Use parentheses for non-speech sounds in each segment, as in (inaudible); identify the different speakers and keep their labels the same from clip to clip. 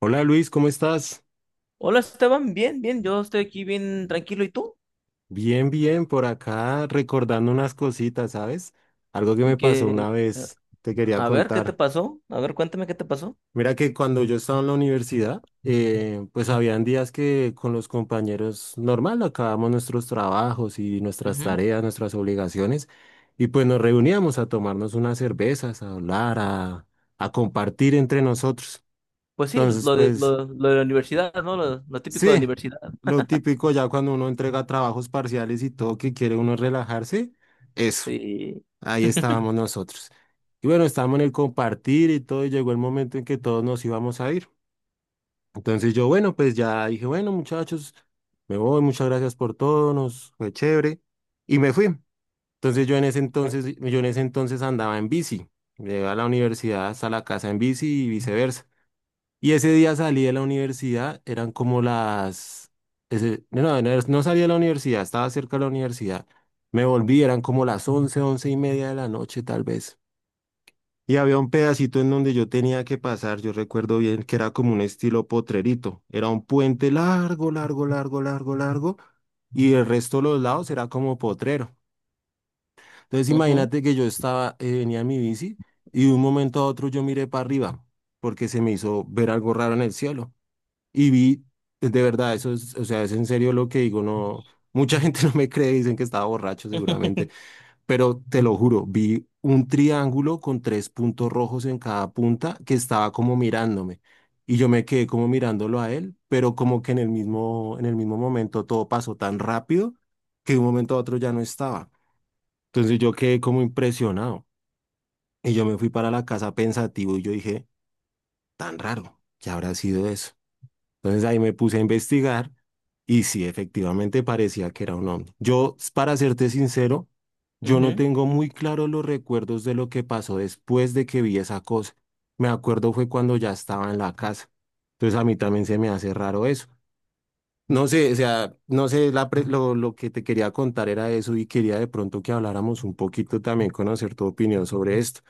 Speaker 1: Hola Luis, ¿cómo estás?
Speaker 2: Hola Esteban, bien, bien, yo estoy aquí bien tranquilo. ¿Y tú?
Speaker 1: Bien, bien, por acá recordando unas cositas, ¿sabes? Algo que me
Speaker 2: ¿Y
Speaker 1: pasó
Speaker 2: que
Speaker 1: una
Speaker 2: eh,
Speaker 1: vez, te quería
Speaker 2: A ver, ¿qué te
Speaker 1: contar.
Speaker 2: pasó? A ver, cuéntame qué te pasó.
Speaker 1: Mira que cuando yo estaba en la universidad, pues habían días que con los compañeros normal acabamos nuestros trabajos y nuestras
Speaker 2: Ujú.
Speaker 1: tareas, nuestras obligaciones, y pues nos reuníamos a tomarnos unas cervezas, a hablar, a compartir entre nosotros.
Speaker 2: Pues sí,
Speaker 1: Entonces,
Speaker 2: lo de,
Speaker 1: pues,
Speaker 2: lo, lo de la universidad, ¿no? Lo típico de la
Speaker 1: sí,
Speaker 2: universidad.
Speaker 1: lo típico ya cuando uno entrega trabajos parciales y todo que quiere uno relajarse, eso,
Speaker 2: Sí.
Speaker 1: ahí
Speaker 2: (laughs)
Speaker 1: estábamos nosotros. Y bueno, estábamos en el compartir y todo, y llegó el momento en que todos nos íbamos a ir. Entonces yo, bueno, pues ya dije, bueno, muchachos, me voy, muchas gracias por todo, nos fue chévere, y me fui. Entonces yo en ese entonces andaba en bici, llegué a la universidad hasta la casa en bici y viceversa. Y ese día salí de la universidad, eran como no, no, no salí de la universidad, estaba cerca de la universidad. Me volví, eran como las once y media de la noche tal vez. Y había un pedacito en donde yo tenía que pasar, yo recuerdo bien que era como un estilo potrerito. Era un puente largo, largo, largo, largo, largo. Y el resto de los lados era como potrero. Entonces
Speaker 2: Ujú.
Speaker 1: imagínate que venía en mi bici y de un momento a otro yo miré para arriba porque se me hizo ver algo raro en el cielo y vi, de verdad, eso es, o sea, es en serio lo que digo, no, mucha gente (laughs) no me cree, dicen que estaba borracho seguramente,
Speaker 2: (laughs)
Speaker 1: pero te lo juro, vi un triángulo con tres puntos rojos en cada punta que estaba como mirándome y yo me quedé como mirándolo a él, pero como que en el mismo momento todo pasó tan rápido que de un momento a otro ya no estaba. Entonces yo quedé como impresionado y yo me fui para la casa pensativo y yo dije, tan raro, ¿qué habrá sido eso? Entonces ahí me puse a investigar y sí, efectivamente parecía que era un ovni. Yo, para serte sincero, yo no
Speaker 2: Ujú.
Speaker 1: tengo muy claro los recuerdos de lo que pasó después de que vi esa cosa. Me acuerdo fue cuando ya estaba en la casa. Entonces a mí también se me hace raro eso. No sé, o sea, no sé, lo, que te quería contar era eso y quería de pronto que habláramos un poquito también, conocer tu opinión sobre esto.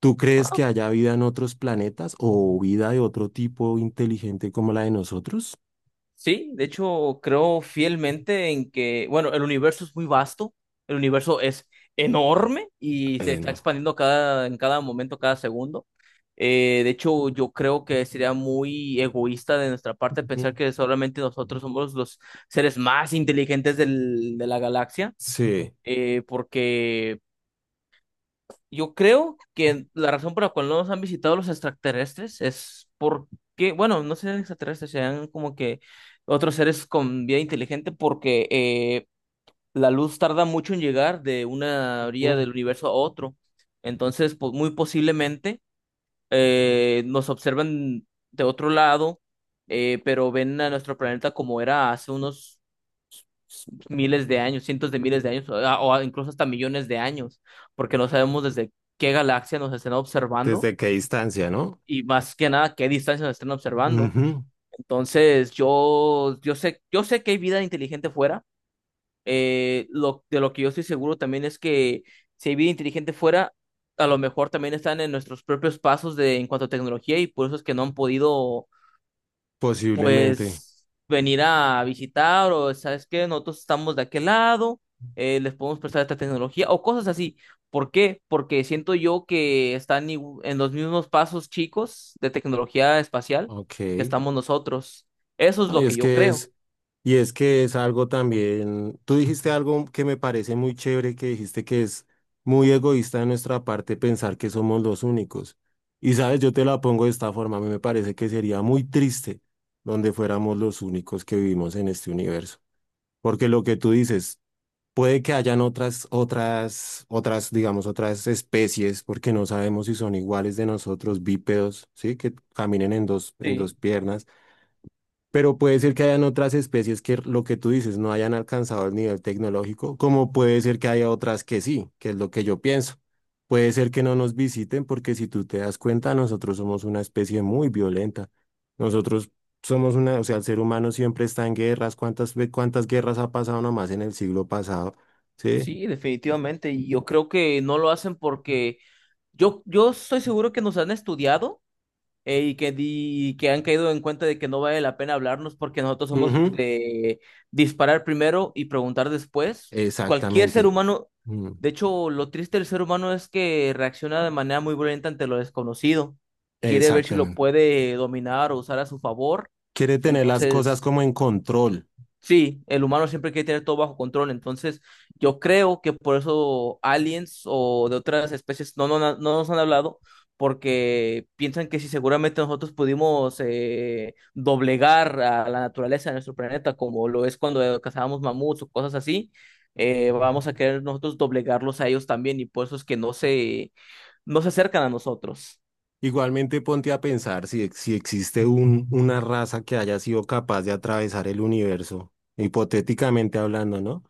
Speaker 1: ¿Tú crees
Speaker 2: Ah,
Speaker 1: que haya vida en otros planetas o vida de otro tipo inteligente como la de nosotros?
Speaker 2: sí, de hecho, creo fielmente en que, bueno, el universo es muy vasto, el universo es enorme y se está
Speaker 1: No.
Speaker 2: expandiendo en cada momento, cada segundo. De hecho, yo creo que sería muy egoísta de nuestra parte pensar
Speaker 1: Ujú.
Speaker 2: que solamente nosotros somos los seres más inteligentes de la galaxia,
Speaker 1: Sí.
Speaker 2: porque yo creo que la razón por la cual no nos han visitado los extraterrestres es porque, bueno, no sean extraterrestres, sean como que otros seres con vida inteligente, porque la luz tarda mucho en llegar de una orilla
Speaker 1: Ujú.
Speaker 2: del universo a otro. Entonces, pues, muy posiblemente nos observan de otro lado, pero ven a nuestro planeta como era hace unos miles de años, cientos de miles de años, o incluso hasta millones de años, porque no sabemos desde qué galaxia nos estén observando
Speaker 1: ¿Desde qué distancia, no?
Speaker 2: y más que nada qué distancia nos estén observando.
Speaker 1: Ujú.
Speaker 2: Entonces, yo sé que hay vida inteligente fuera. De lo que yo estoy seguro también es que si hay vida inteligente fuera, a lo mejor también están en nuestros propios pasos en cuanto a tecnología y por eso es que no han podido
Speaker 1: Posiblemente.
Speaker 2: pues venir a visitar o sabes que nosotros estamos de aquel lado, les podemos prestar esta tecnología o cosas así. ¿Por qué? Porque siento yo que están en los mismos pasos chicos de tecnología espacial
Speaker 1: Ok.
Speaker 2: que estamos nosotros. Eso es
Speaker 1: No,
Speaker 2: lo que yo creo.
Speaker 1: y es que es algo también. Tú dijiste algo que me parece muy chévere, que dijiste que es muy egoísta de nuestra parte pensar que somos los únicos. Y sabes, yo te la pongo de esta forma, a mí me parece que sería muy triste donde fuéramos los únicos que vivimos en este universo. Porque lo que tú dices, puede que hayan otras, otras, otras, digamos, otras especies, porque no sabemos si son iguales de nosotros, bípedos, ¿sí? Que caminen en dos
Speaker 2: Sí,
Speaker 1: piernas. Pero puede ser que hayan otras especies que lo que tú dices no hayan alcanzado el nivel tecnológico, como puede ser que haya otras que sí, que es lo que yo pienso. Puede ser que no nos visiten porque si tú te das cuenta, nosotros somos una especie muy violenta. Nosotros somos una, o sea, el ser humano siempre está en guerras. ¿Cuántas guerras ha pasado nomás en el siglo pasado? ¿Sí?
Speaker 2: sí, definitivamente. Y yo creo que no lo hacen porque yo estoy seguro que nos han estudiado y que han caído en cuenta de que no vale la pena hablarnos porque nosotros somos
Speaker 1: Ujú.
Speaker 2: de disparar primero y preguntar después. Cualquier ser
Speaker 1: Exactamente.
Speaker 2: humano,
Speaker 1: Mm.
Speaker 2: de hecho, lo triste del ser humano es que reacciona de manera muy violenta ante lo desconocido. Quiere ver si lo
Speaker 1: Exactamente.
Speaker 2: puede dominar o usar a su favor.
Speaker 1: Quiere tener las cosas
Speaker 2: Entonces...
Speaker 1: como en control.
Speaker 2: Sí, el humano siempre quiere tener todo bajo control, entonces yo creo que por eso aliens o de otras especies no, no, no nos han hablado, porque piensan que si seguramente nosotros pudimos doblegar a la naturaleza de nuestro planeta, como lo es cuando cazábamos mamuts o cosas así,
Speaker 1: Ujú.
Speaker 2: vamos a querer nosotros doblegarlos a ellos también y por eso es que no se acercan a nosotros.
Speaker 1: Igualmente ponte a pensar si, si existe una raza que haya sido capaz de atravesar el universo, hipotéticamente hablando, ¿no?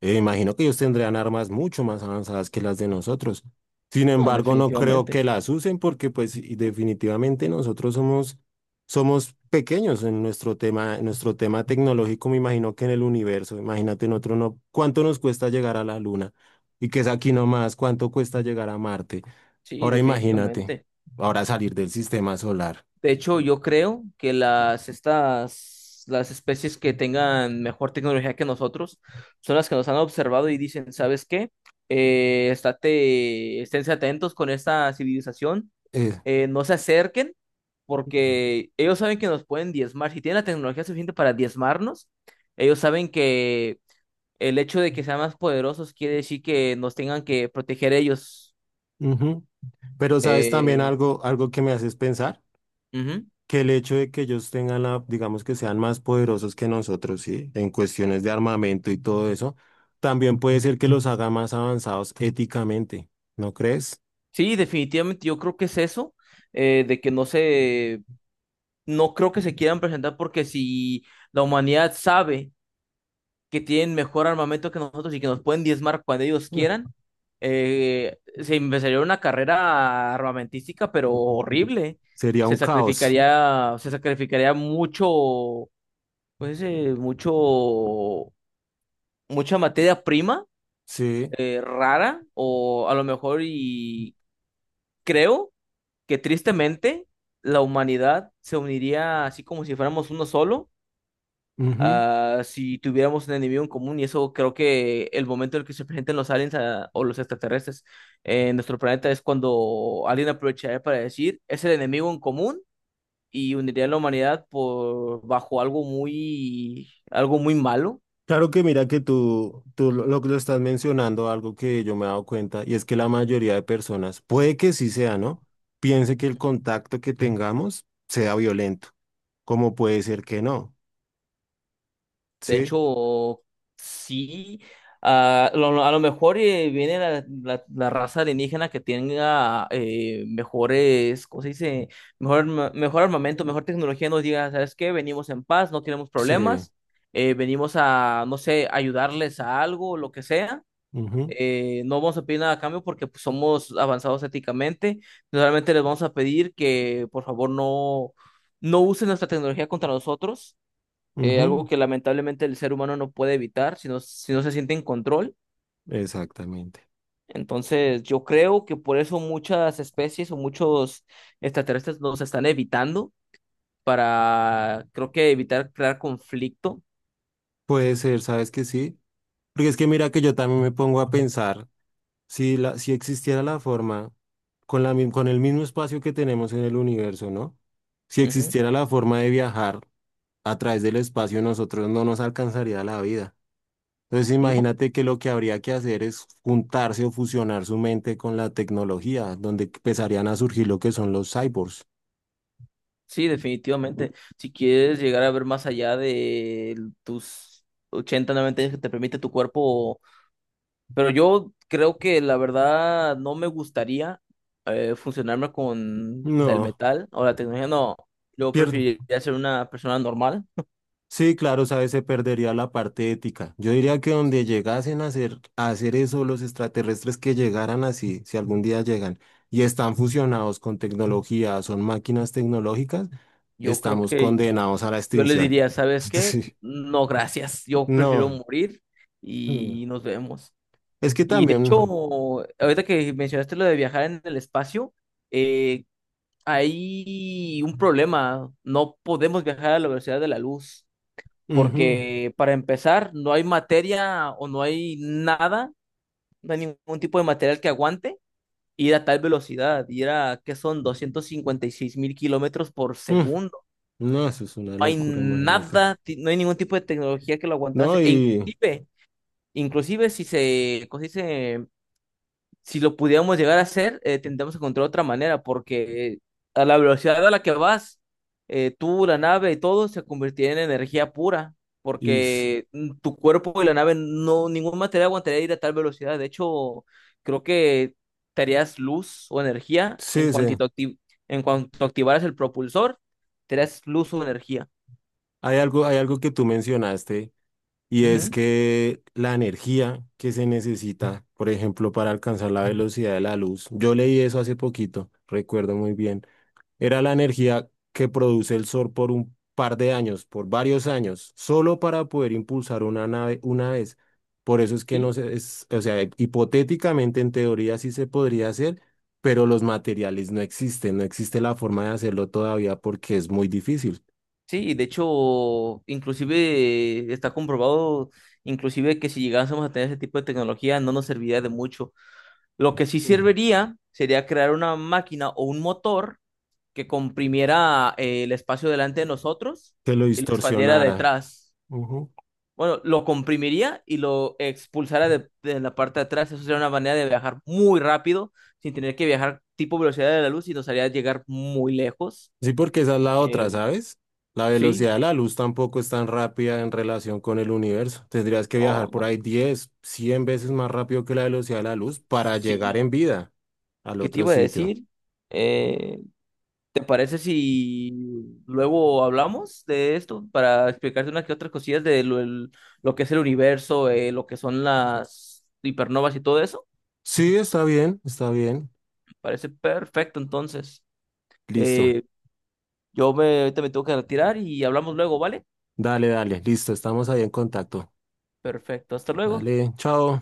Speaker 1: Imagino que ellos tendrían armas mucho más avanzadas que las de nosotros. Sin
Speaker 2: No,
Speaker 1: embargo, no creo
Speaker 2: definitivamente,
Speaker 1: que las usen porque, pues, y definitivamente nosotros somos, somos pequeños en nuestro tema tecnológico. Me imagino que en el universo, imagínate, nosotros no, ¿cuánto nos cuesta llegar a la Luna? Y que es aquí nomás, ¿cuánto cuesta llegar a Marte?
Speaker 2: sí,
Speaker 1: Ahora imagínate,
Speaker 2: definitivamente.
Speaker 1: ahora salir del sistema solar.
Speaker 2: De hecho, yo creo que las especies que tengan mejor tecnología que nosotros son las que nos han observado y dicen, ¿sabes qué? Esténse atentos con esta civilización,
Speaker 1: Eh,
Speaker 2: no se acerquen, porque ellos saben que nos pueden diezmar. Si tienen la tecnología suficiente para diezmarnos, ellos saben que el hecho de que sean más poderosos quiere decir que nos tengan que proteger ellos.
Speaker 1: Ujú. Pero sabes también
Speaker 2: Eh,
Speaker 1: algo, algo que me haces pensar,
Speaker 2: ujú.
Speaker 1: que el hecho de que ellos tengan la, digamos que sean más poderosos que nosotros, ¿sí? En cuestiones de armamento y todo eso, también puede ser que los haga más avanzados éticamente, ¿no crees?
Speaker 2: Sí, definitivamente yo creo que es eso, de que no creo que se quieran presentar porque si la humanidad sabe que tienen mejor armamento que nosotros y que nos pueden diezmar cuando ellos
Speaker 1: Mm.
Speaker 2: quieran, se empezaría una carrera armamentística, pero horrible.
Speaker 1: Sería
Speaker 2: Se
Speaker 1: un caos,
Speaker 2: sacrificaría, se sacrificaría mucho, pues, mucha materia prima
Speaker 1: ¿sí?
Speaker 2: rara o a lo mejor y creo que tristemente la humanidad se uniría así como si fuéramos uno solo,
Speaker 1: Ujú.
Speaker 2: si tuviéramos un enemigo en común, y eso creo que el momento en el que se presenten los aliens o los extraterrestres en nuestro planeta es cuando alguien aprovecharía para decir, es el enemigo en común y uniría a la humanidad por bajo algo muy malo.
Speaker 1: Claro que mira que tú lo que lo estás mencionando, algo que yo me he dado cuenta, y es que la mayoría de personas, puede que sí sea, ¿no? Piense que el contacto que tengamos sea violento, como puede ser que no,
Speaker 2: De
Speaker 1: ¿sí?
Speaker 2: hecho, sí. A lo mejor viene la, la raza alienígena que tenga mejores, ¿cómo se dice? Mejor armamento, mejor tecnología. Nos diga, ¿sabes qué? Venimos en paz, no queremos
Speaker 1: Sí.
Speaker 2: problemas. Venimos a, no sé, ayudarles a algo, lo que sea.
Speaker 1: Ujú,
Speaker 2: No vamos a pedir nada a cambio porque pues, somos avanzados éticamente. Solamente les vamos a pedir que, por favor, no usen nuestra tecnología contra nosotros, algo
Speaker 1: ujú.
Speaker 2: que lamentablemente el ser humano no puede evitar si no se siente en control.
Speaker 1: Exactamente.
Speaker 2: Entonces, yo creo que por eso muchas especies o muchos extraterrestres nos están evitando para, creo que evitar crear conflicto.
Speaker 1: Puede ser, ¿sabes que sí? Porque es que mira que yo también me pongo a pensar si existiera la forma con el mismo espacio que tenemos en el universo, ¿no? Si
Speaker 2: Ujú.
Speaker 1: existiera la forma de viajar a través del espacio, nosotros no nos alcanzaría la vida. Entonces
Speaker 2: ¿No?
Speaker 1: imagínate que lo que habría que hacer es juntarse o fusionar su mente con la tecnología, donde empezarían a surgir lo que son los cyborgs.
Speaker 2: Sí, definitivamente. Si quieres llegar a ver más allá de tus 80, 90 años que te permite tu cuerpo. Pero yo creo que la verdad no me gustaría funcionarme con el
Speaker 1: No,
Speaker 2: metal o la tecnología. No, yo
Speaker 1: pierdo.
Speaker 2: preferiría ser una persona normal.
Speaker 1: Sí, claro, sabes, se perdería la parte ética. Yo diría que donde
Speaker 2: Sí,
Speaker 1: llegasen a hacer eso los extraterrestres que llegaran así, si algún día llegan y están fusionados con tecnología, son máquinas tecnológicas,
Speaker 2: yo creo
Speaker 1: estamos
Speaker 2: que
Speaker 1: condenados a la
Speaker 2: yo les
Speaker 1: extinción.
Speaker 2: diría, ¿sabes
Speaker 1: (laughs)
Speaker 2: qué?
Speaker 1: Sí,
Speaker 2: No, gracias. Yo prefiero
Speaker 1: no.
Speaker 2: morir
Speaker 1: Mm.
Speaker 2: y nos vemos.
Speaker 1: Es que
Speaker 2: Y de
Speaker 1: también,
Speaker 2: hecho, ahorita que mencionaste lo de viajar en el espacio, eh, hay un problema. No podemos viajar a la velocidad de la luz.
Speaker 1: ujú,
Speaker 2: Porque para empezar no hay materia o no hay nada, no hay ningún tipo de material que aguante ir a tal velocidad, ir a, ¿qué son? 256.000 kilómetros por
Speaker 1: mm,
Speaker 2: segundo.
Speaker 1: no, eso es una
Speaker 2: No hay
Speaker 1: locura, imagínate.
Speaker 2: nada, no hay ningún tipo de tecnología que lo
Speaker 1: No,
Speaker 2: aguantase. E inclusive si se, ¿cómo se dice? Si lo pudiéramos llegar a hacer, tendríamos que encontrar otra manera, porque a la velocidad a la que vas, tú, la nave y todo se convertiría en energía pura,
Speaker 1: y s-
Speaker 2: porque tu cuerpo y la nave, no, ningún material aguantaría ir a tal velocidad. De hecho, creo que te harías luz o energía
Speaker 1: sí, sí.
Speaker 2: en cuanto activaras el propulsor, te harías luz o energía.
Speaker 1: Hay algo que tú mencionaste. Y es
Speaker 2: Ujú.
Speaker 1: que la energía que se necesita, por ejemplo, para alcanzar la velocidad de la luz, yo leí eso hace poquito, recuerdo muy bien, era la energía que produce el Sol por un par de años, por varios años, solo para poder impulsar una nave una vez. Por eso es que no
Speaker 2: Sí,
Speaker 1: se, es, o sea, hipotéticamente en teoría sí se podría hacer, pero los materiales no existen, no existe la forma de hacerlo todavía porque es muy difícil.
Speaker 2: sí, y de hecho, inclusive está comprobado, inclusive que si llegásemos a tener ese tipo de tecnología no nos serviría de mucho. Lo que sí
Speaker 1: Mm.
Speaker 2: serviría sería crear una máquina o un motor que comprimiera el espacio delante de nosotros
Speaker 1: Que lo
Speaker 2: y lo expandiera
Speaker 1: distorsionara.
Speaker 2: detrás. Bueno, lo comprimiría y lo expulsara de la parte de atrás. Eso sería una manera de viajar muy rápido sin tener que viajar tipo velocidad de la luz y nos haría llegar muy lejos.
Speaker 1: Sí, porque esa es la otra,
Speaker 2: Eh,
Speaker 1: ¿sabes? La
Speaker 2: sí,
Speaker 1: velocidad de la luz tampoco es tan rápida en relación con el universo. Tendrías que viajar
Speaker 2: no, no.
Speaker 1: por ahí 10, 100 veces más rápido que la velocidad de la luz para llegar
Speaker 2: Sí.
Speaker 1: en vida al
Speaker 2: ¿Qué te
Speaker 1: otro
Speaker 2: iba a
Speaker 1: sitio.
Speaker 2: decir? Eh, ¿Te parece si luego hablamos de esto para explicarte unas que otras cosillas de lo que es el universo, lo que son las hipernovas y todo eso?
Speaker 1: Sí, está bien, está bien.
Speaker 2: Parece perfecto, entonces.
Speaker 1: Listo.
Speaker 2: Eh, ahorita me tengo que retirar y hablamos luego, ¿vale?
Speaker 1: Dale, dale, listo. Estamos ahí en contacto.
Speaker 2: Perfecto, hasta luego.
Speaker 1: Dale, chao.